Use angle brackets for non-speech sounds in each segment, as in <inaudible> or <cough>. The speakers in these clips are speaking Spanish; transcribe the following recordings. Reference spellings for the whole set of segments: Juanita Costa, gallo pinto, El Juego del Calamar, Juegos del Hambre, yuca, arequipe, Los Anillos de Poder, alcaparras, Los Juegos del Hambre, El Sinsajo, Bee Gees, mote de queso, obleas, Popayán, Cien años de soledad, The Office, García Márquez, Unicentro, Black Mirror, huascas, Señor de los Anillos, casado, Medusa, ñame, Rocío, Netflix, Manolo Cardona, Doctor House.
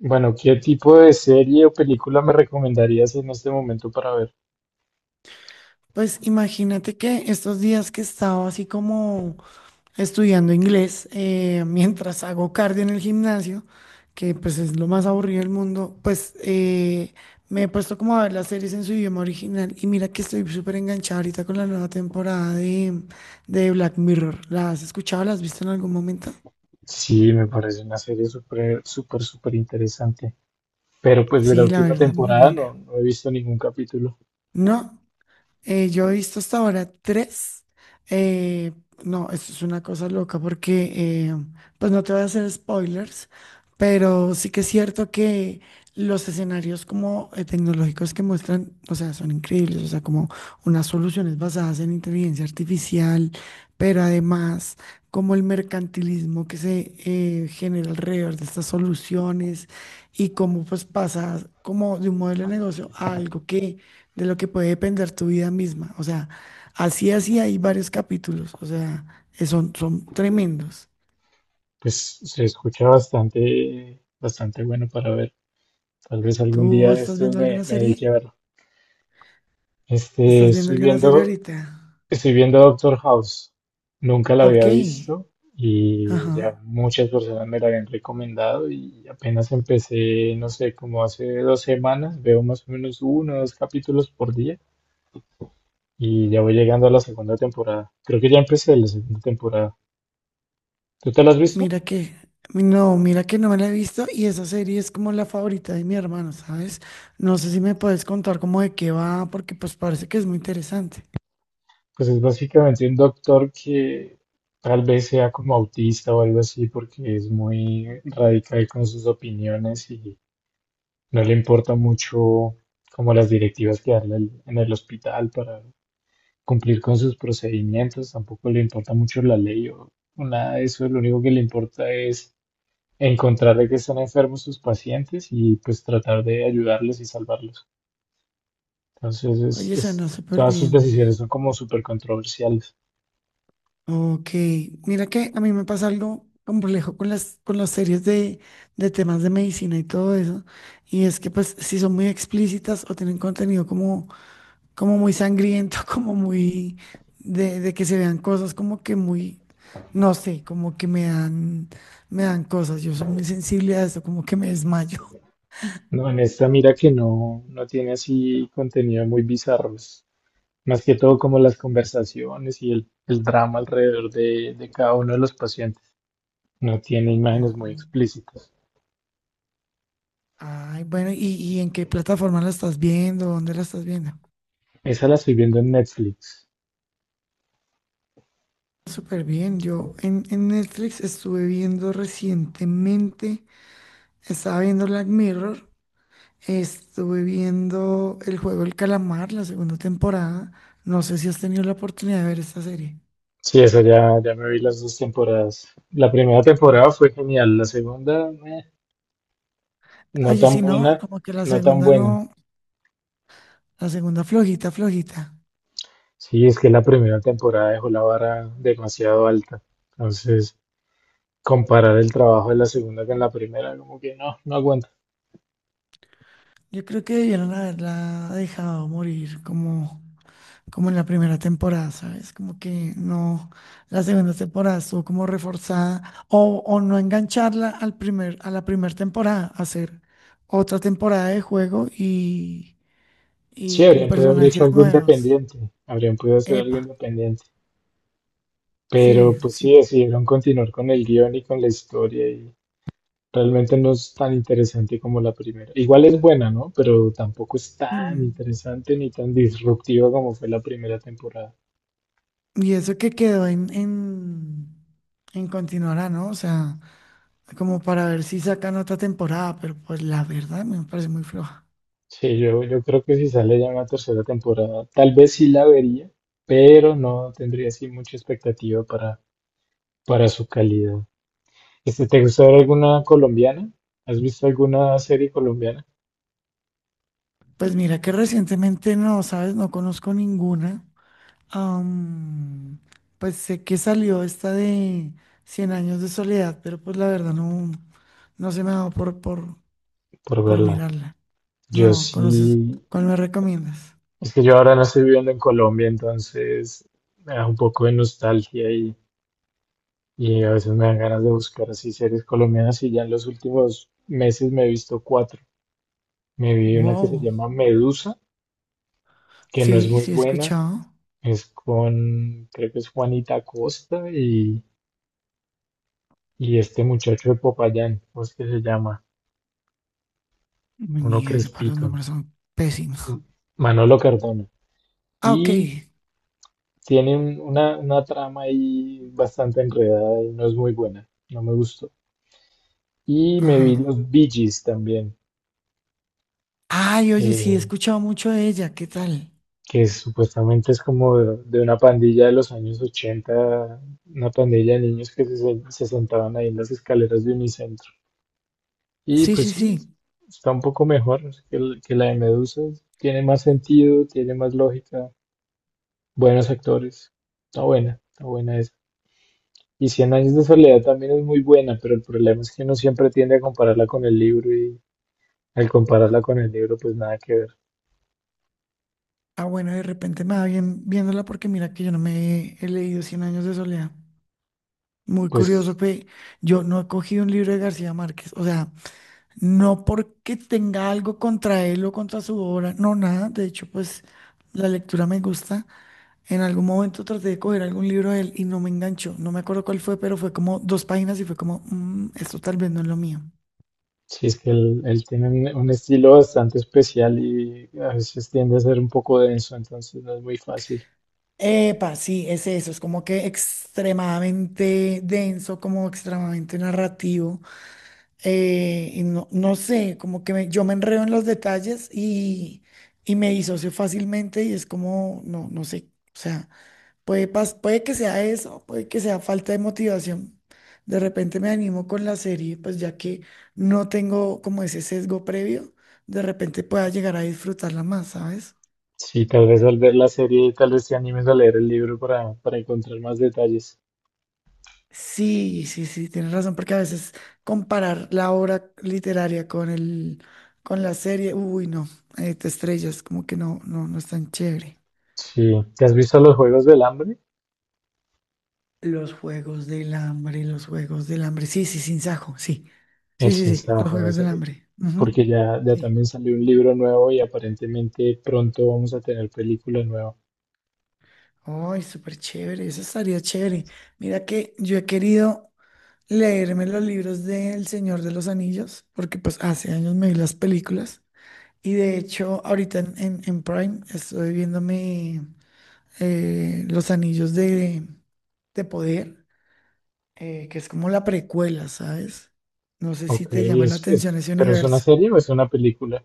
Bueno, ¿qué tipo de serie o película me recomendarías en este momento para ver? Pues imagínate que estos días que estaba así como estudiando inglés, <laughs> mientras hago cardio en el gimnasio, que pues es lo más aburrido del mundo, pues me he puesto como a ver las series en su idioma original y mira que estoy súper enganchada ahorita con la nueva temporada de Black Mirror. ¿La has escuchado? ¿La has visto en algún momento? Sí, me parece una serie súper, súper, súper interesante. Pero pues de la Sí, la última verdad, muy temporada no, buena. no he visto ningún capítulo. No. Yo he visto hasta ahora tres. Eh, no, esto es una cosa loca porque, pues no te voy a hacer spoilers, pero sí que es cierto que los escenarios como tecnológicos que muestran, o sea, son increíbles, o sea, como unas soluciones basadas en inteligencia artificial, pero además como el mercantilismo que se genera alrededor de estas soluciones y cómo pues pasa como de un modelo de negocio a algo que de lo que puede depender tu vida misma. O sea, así, así hay varios capítulos, o sea, son tremendos. Pues se escucha bastante, bastante bueno para ver. Tal vez algún día ¿Tú de estás estos viendo me, alguna me dedique a serie? verlo. Este, ¿Estás viendo estoy alguna serie viendo. ahorita? Estoy viendo Doctor House. Nunca la había Ok, visto y ajá. ya muchas personas me la habían recomendado y apenas empecé, no sé, como hace dos semanas, veo más o menos uno o dos capítulos por día y ya voy llegando a la segunda temporada. Creo que ya empecé la segunda temporada. ¿Tú te la has visto? Mira que, no, mira que no me la he visto y esa serie es como la favorita de mi hermano, ¿sabes? No sé si me puedes contar como de qué va, porque pues parece que es muy interesante. Pues es básicamente un doctor que tal vez sea como autista o algo así porque es muy radical con sus opiniones y no le importa mucho como las directivas que en el hospital para cumplir con sus procedimientos, tampoco le importa mucho la ley o nada de eso, lo único que le importa es encontrar de que están enfermos sus pacientes y pues tratar de ayudarles y salvarlos. Entonces, Oye, suena súper todas sus bien. decisiones son como súper controversiales. Ok, mira que a mí me pasa algo complejo con las, series de temas de medicina y todo eso, y es que pues si son muy explícitas o tienen contenido como muy sangriento, <laughs> como muy de, que se vean cosas como que muy, no sé, como que me dan cosas, yo soy muy sensible a eso, como que me desmayo. No, en esta mira que no tiene así contenido muy bizarro, es más que todo como las conversaciones y el drama alrededor de cada uno de los pacientes. No tiene imágenes muy Oh, explícitas. ay, bueno, ¿y en qué plataforma la estás viendo? ¿Dónde la estás viendo? Esa la estoy viendo en Netflix. Súper bien, yo en Netflix estuve viendo recientemente, estaba viendo Black Mirror, estuve viendo El Juego del Calamar, la segunda temporada, no sé si has tenido la oportunidad de ver esta serie. Sí, esa ya me vi las dos temporadas. La primera temporada fue genial, la segunda, no Oye, tan si no, buena, como que la no tan segunda buena. no, la segunda flojita, flojita. Sí, es que la primera temporada dejó la vara demasiado alta. Entonces, comparar el trabajo de la segunda con la primera, como que no aguanta. Yo creo que debieron haberla dejado morir como en la primera temporada, ¿sabes? Como que no, la segunda temporada estuvo como reforzada o no engancharla al a la primera temporada, hacer otra temporada de juego y, Sí, y con habrían podido haber hecho personajes algo nuevos. independiente, habrían podido hacer algo Epa, independiente. sí, Pero pues sí. sí, decidieron continuar con el guión y con la historia y realmente no es tan interesante como la primera. Igual es buena, ¿no? Pero tampoco es tan Mm. interesante ni tan disruptiva como fue la primera temporada. Y eso que quedó en, en continuará, ¿no? O sea, como para ver si sacan otra temporada, pero pues la verdad me parece muy floja. Sí, yo creo que si sale ya una tercera temporada, tal vez sí la vería, pero no tendría así mucha expectativa para su calidad. Este, ¿te gustó ver alguna colombiana? ¿Has visto alguna serie colombiana? Pues mira que recientemente no, ¿sabes? No conozco ninguna. Am, pues sé que salió esta de Cien años de soledad, pero pues la verdad no, no se me ha dado por, por, Por por verla. mirarla. Yo No, ¿conoces? sí, ¿Cuál me recomiendas? es que yo ahora no estoy viviendo en Colombia, entonces me da un poco de nostalgia y. Y a veces me dan ganas de buscar así series colombianas y ya en los últimos meses me he visto cuatro. Me vi una que se Wow. llama Medusa, que no es Sí, muy sí he buena, escuchado. es con, creo que es Juanita Costa y este muchacho de Popayán, ¿cómo es que se llama? Mi Uno niña, yo para los crespito, nombres son pésimos. M- Manolo Cardona. Ah, ok. Y tiene una trama ahí bastante enredada y no es muy buena, no me gustó. Y me vi Ajá. los Bee Gees también, Ay, oye, sí he escuchado mucho de ella. ¿Qué tal? que supuestamente es como de una pandilla de los años 80, una pandilla de niños que se sentaban ahí en las escaleras de Unicentro. Y Sí, pues sí, sí, sí. está un poco mejor que la de Medusa, tiene más sentido, tiene más lógica, buenos actores, está buena esa. Y Cien años de soledad también es muy buena, pero el problema es que uno siempre tiende a compararla con el libro y al compararla con el libro pues nada que ver. Ah, bueno, de repente me va bien viéndola porque mira que yo no me he leído Cien años de soledad. Muy curioso, Pues pe. Yo no he cogido un libro de García Márquez, o sea, no porque tenga algo contra él o contra su obra, no, nada. De hecho, pues la lectura me gusta. En algún momento traté de coger algún libro de él y no me enganchó. No me acuerdo cuál fue, pero fue como dos páginas y fue como, "Mm, esto tal vez no es lo mío." sí, es que él tiene un estilo bastante especial y a veces tiende a ser un poco denso, entonces no es muy fácil. Epa, sí, es eso, es como que extremadamente denso, como extremadamente narrativo. Y no, no sé, como que yo me enredo en los detalles y me disocio fácilmente y es como, no, no sé, o sea, puede que sea eso, puede que sea falta de motivación. De repente me animo con la serie, pues ya que no tengo como ese sesgo previo, de repente pueda llegar a disfrutarla más, ¿sabes? Sí, tal vez al ver la serie, tal vez te animes a leer el libro para encontrar más detalles. Sí, sí, sí, tienes razón, porque a veces comparar la obra literaria con con la serie, uy, no, te estrellas, como que no, no, no es tan chévere. Sí, ¿te has visto los Juegos del Hambre? Los Juegos del Hambre, los Juegos del Hambre, sí, sí, sin sajo, sí, El sí, sí, sí, los Sinsajo, Juegos del ese, Hambre, ujú. porque ya Sí, también salió un libro nuevo y aparentemente pronto vamos a tener película nueva. ay, súper chévere, eso estaría chévere. Mira que yo he querido leerme los libros del Señor de los Anillos, porque pues hace años me vi las películas. Y de hecho, ahorita en, en Prime estoy viéndome Los Anillos de, Poder, que es como la precuela, ¿sabes? No sé si Ok, te llama la es, atención ese ¿pero es una universo. serie o es una película?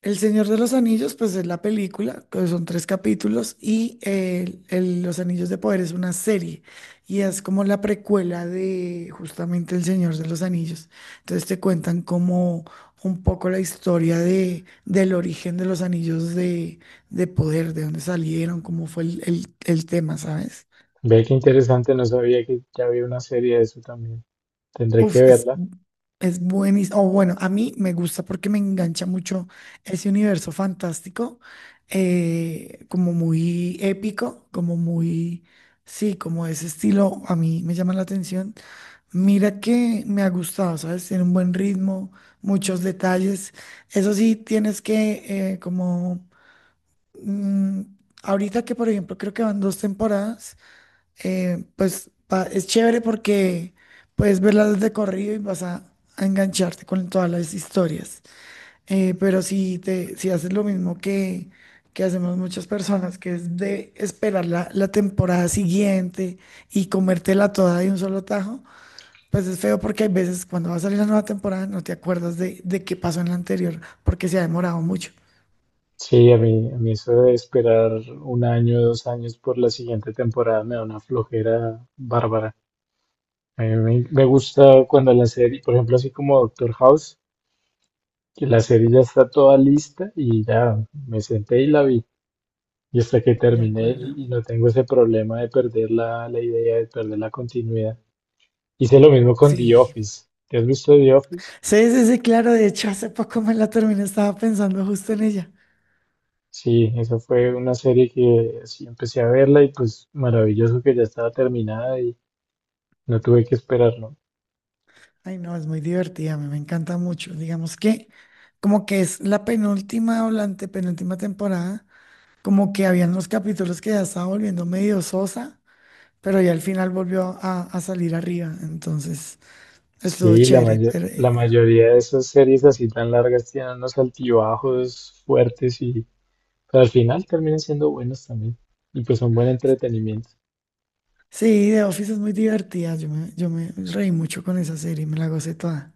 El Señor de los Anillos, pues es la película, que son tres capítulos, y Los Anillos de Poder es una serie, y es como la precuela de justamente El Señor de los Anillos. Entonces te cuentan como un poco la historia de, del origen de los anillos de poder, de dónde salieron, cómo fue el, el tema, ¿sabes? Ve qué interesante, no sabía que ya había una serie de eso también. Tendré que Uf, es, verla. es buenísimo. O bueno, a mí me gusta porque me engancha mucho ese universo fantástico, como muy épico, como muy, sí, como ese estilo a mí me llama la atención. Mira que me ha gustado, ¿sabes? Tiene un buen ritmo, muchos detalles. Eso sí, tienes que, como, mm, ahorita que por ejemplo creo que van dos temporadas pues es chévere porque puedes verlas de corrido y vas a engancharte con todas las historias. Pero si haces lo mismo que hacemos muchas personas, que es de esperar la temporada siguiente y comértela toda de un solo tajo, pues es feo porque hay veces cuando va a salir la nueva temporada no te acuerdas de qué pasó en la anterior porque se ha demorado mucho. Sí, a mí eso de esperar un año, dos años por la siguiente temporada me da una flojera bárbara. A mí me gusta cuando la serie, por ejemplo, así como Doctor House, que la serie ya está toda lista y ya me senté y la vi. Y hasta que De terminé acuerdo. Y no tengo ese problema de perder la idea, de perder la continuidad. Hice lo mismo con The Sí, Office. ¿Te has visto The Office? sí, sí, sí, claro, de hecho hace poco me la terminé, estaba pensando justo en ella. Sí, esa fue una serie que sí empecé a verla y pues maravilloso que ya estaba terminada. No tuve que esperarlo. Ay, no, es muy divertida, me encanta mucho. Digamos que como que es la penúltima o la antepenúltima temporada, como que habían unos capítulos que ya estaba volviendo medio sosa, pero ya al final volvió a salir arriba, entonces estuvo Sí, chévere. Pero, la mayoría de esas series así tan largas tienen unos altibajos fuertes y pero al final terminan siendo buenos también. Y pues son buen entretenimiento. sí, The Office es muy divertida, yo me, reí mucho con esa serie, me la gocé toda.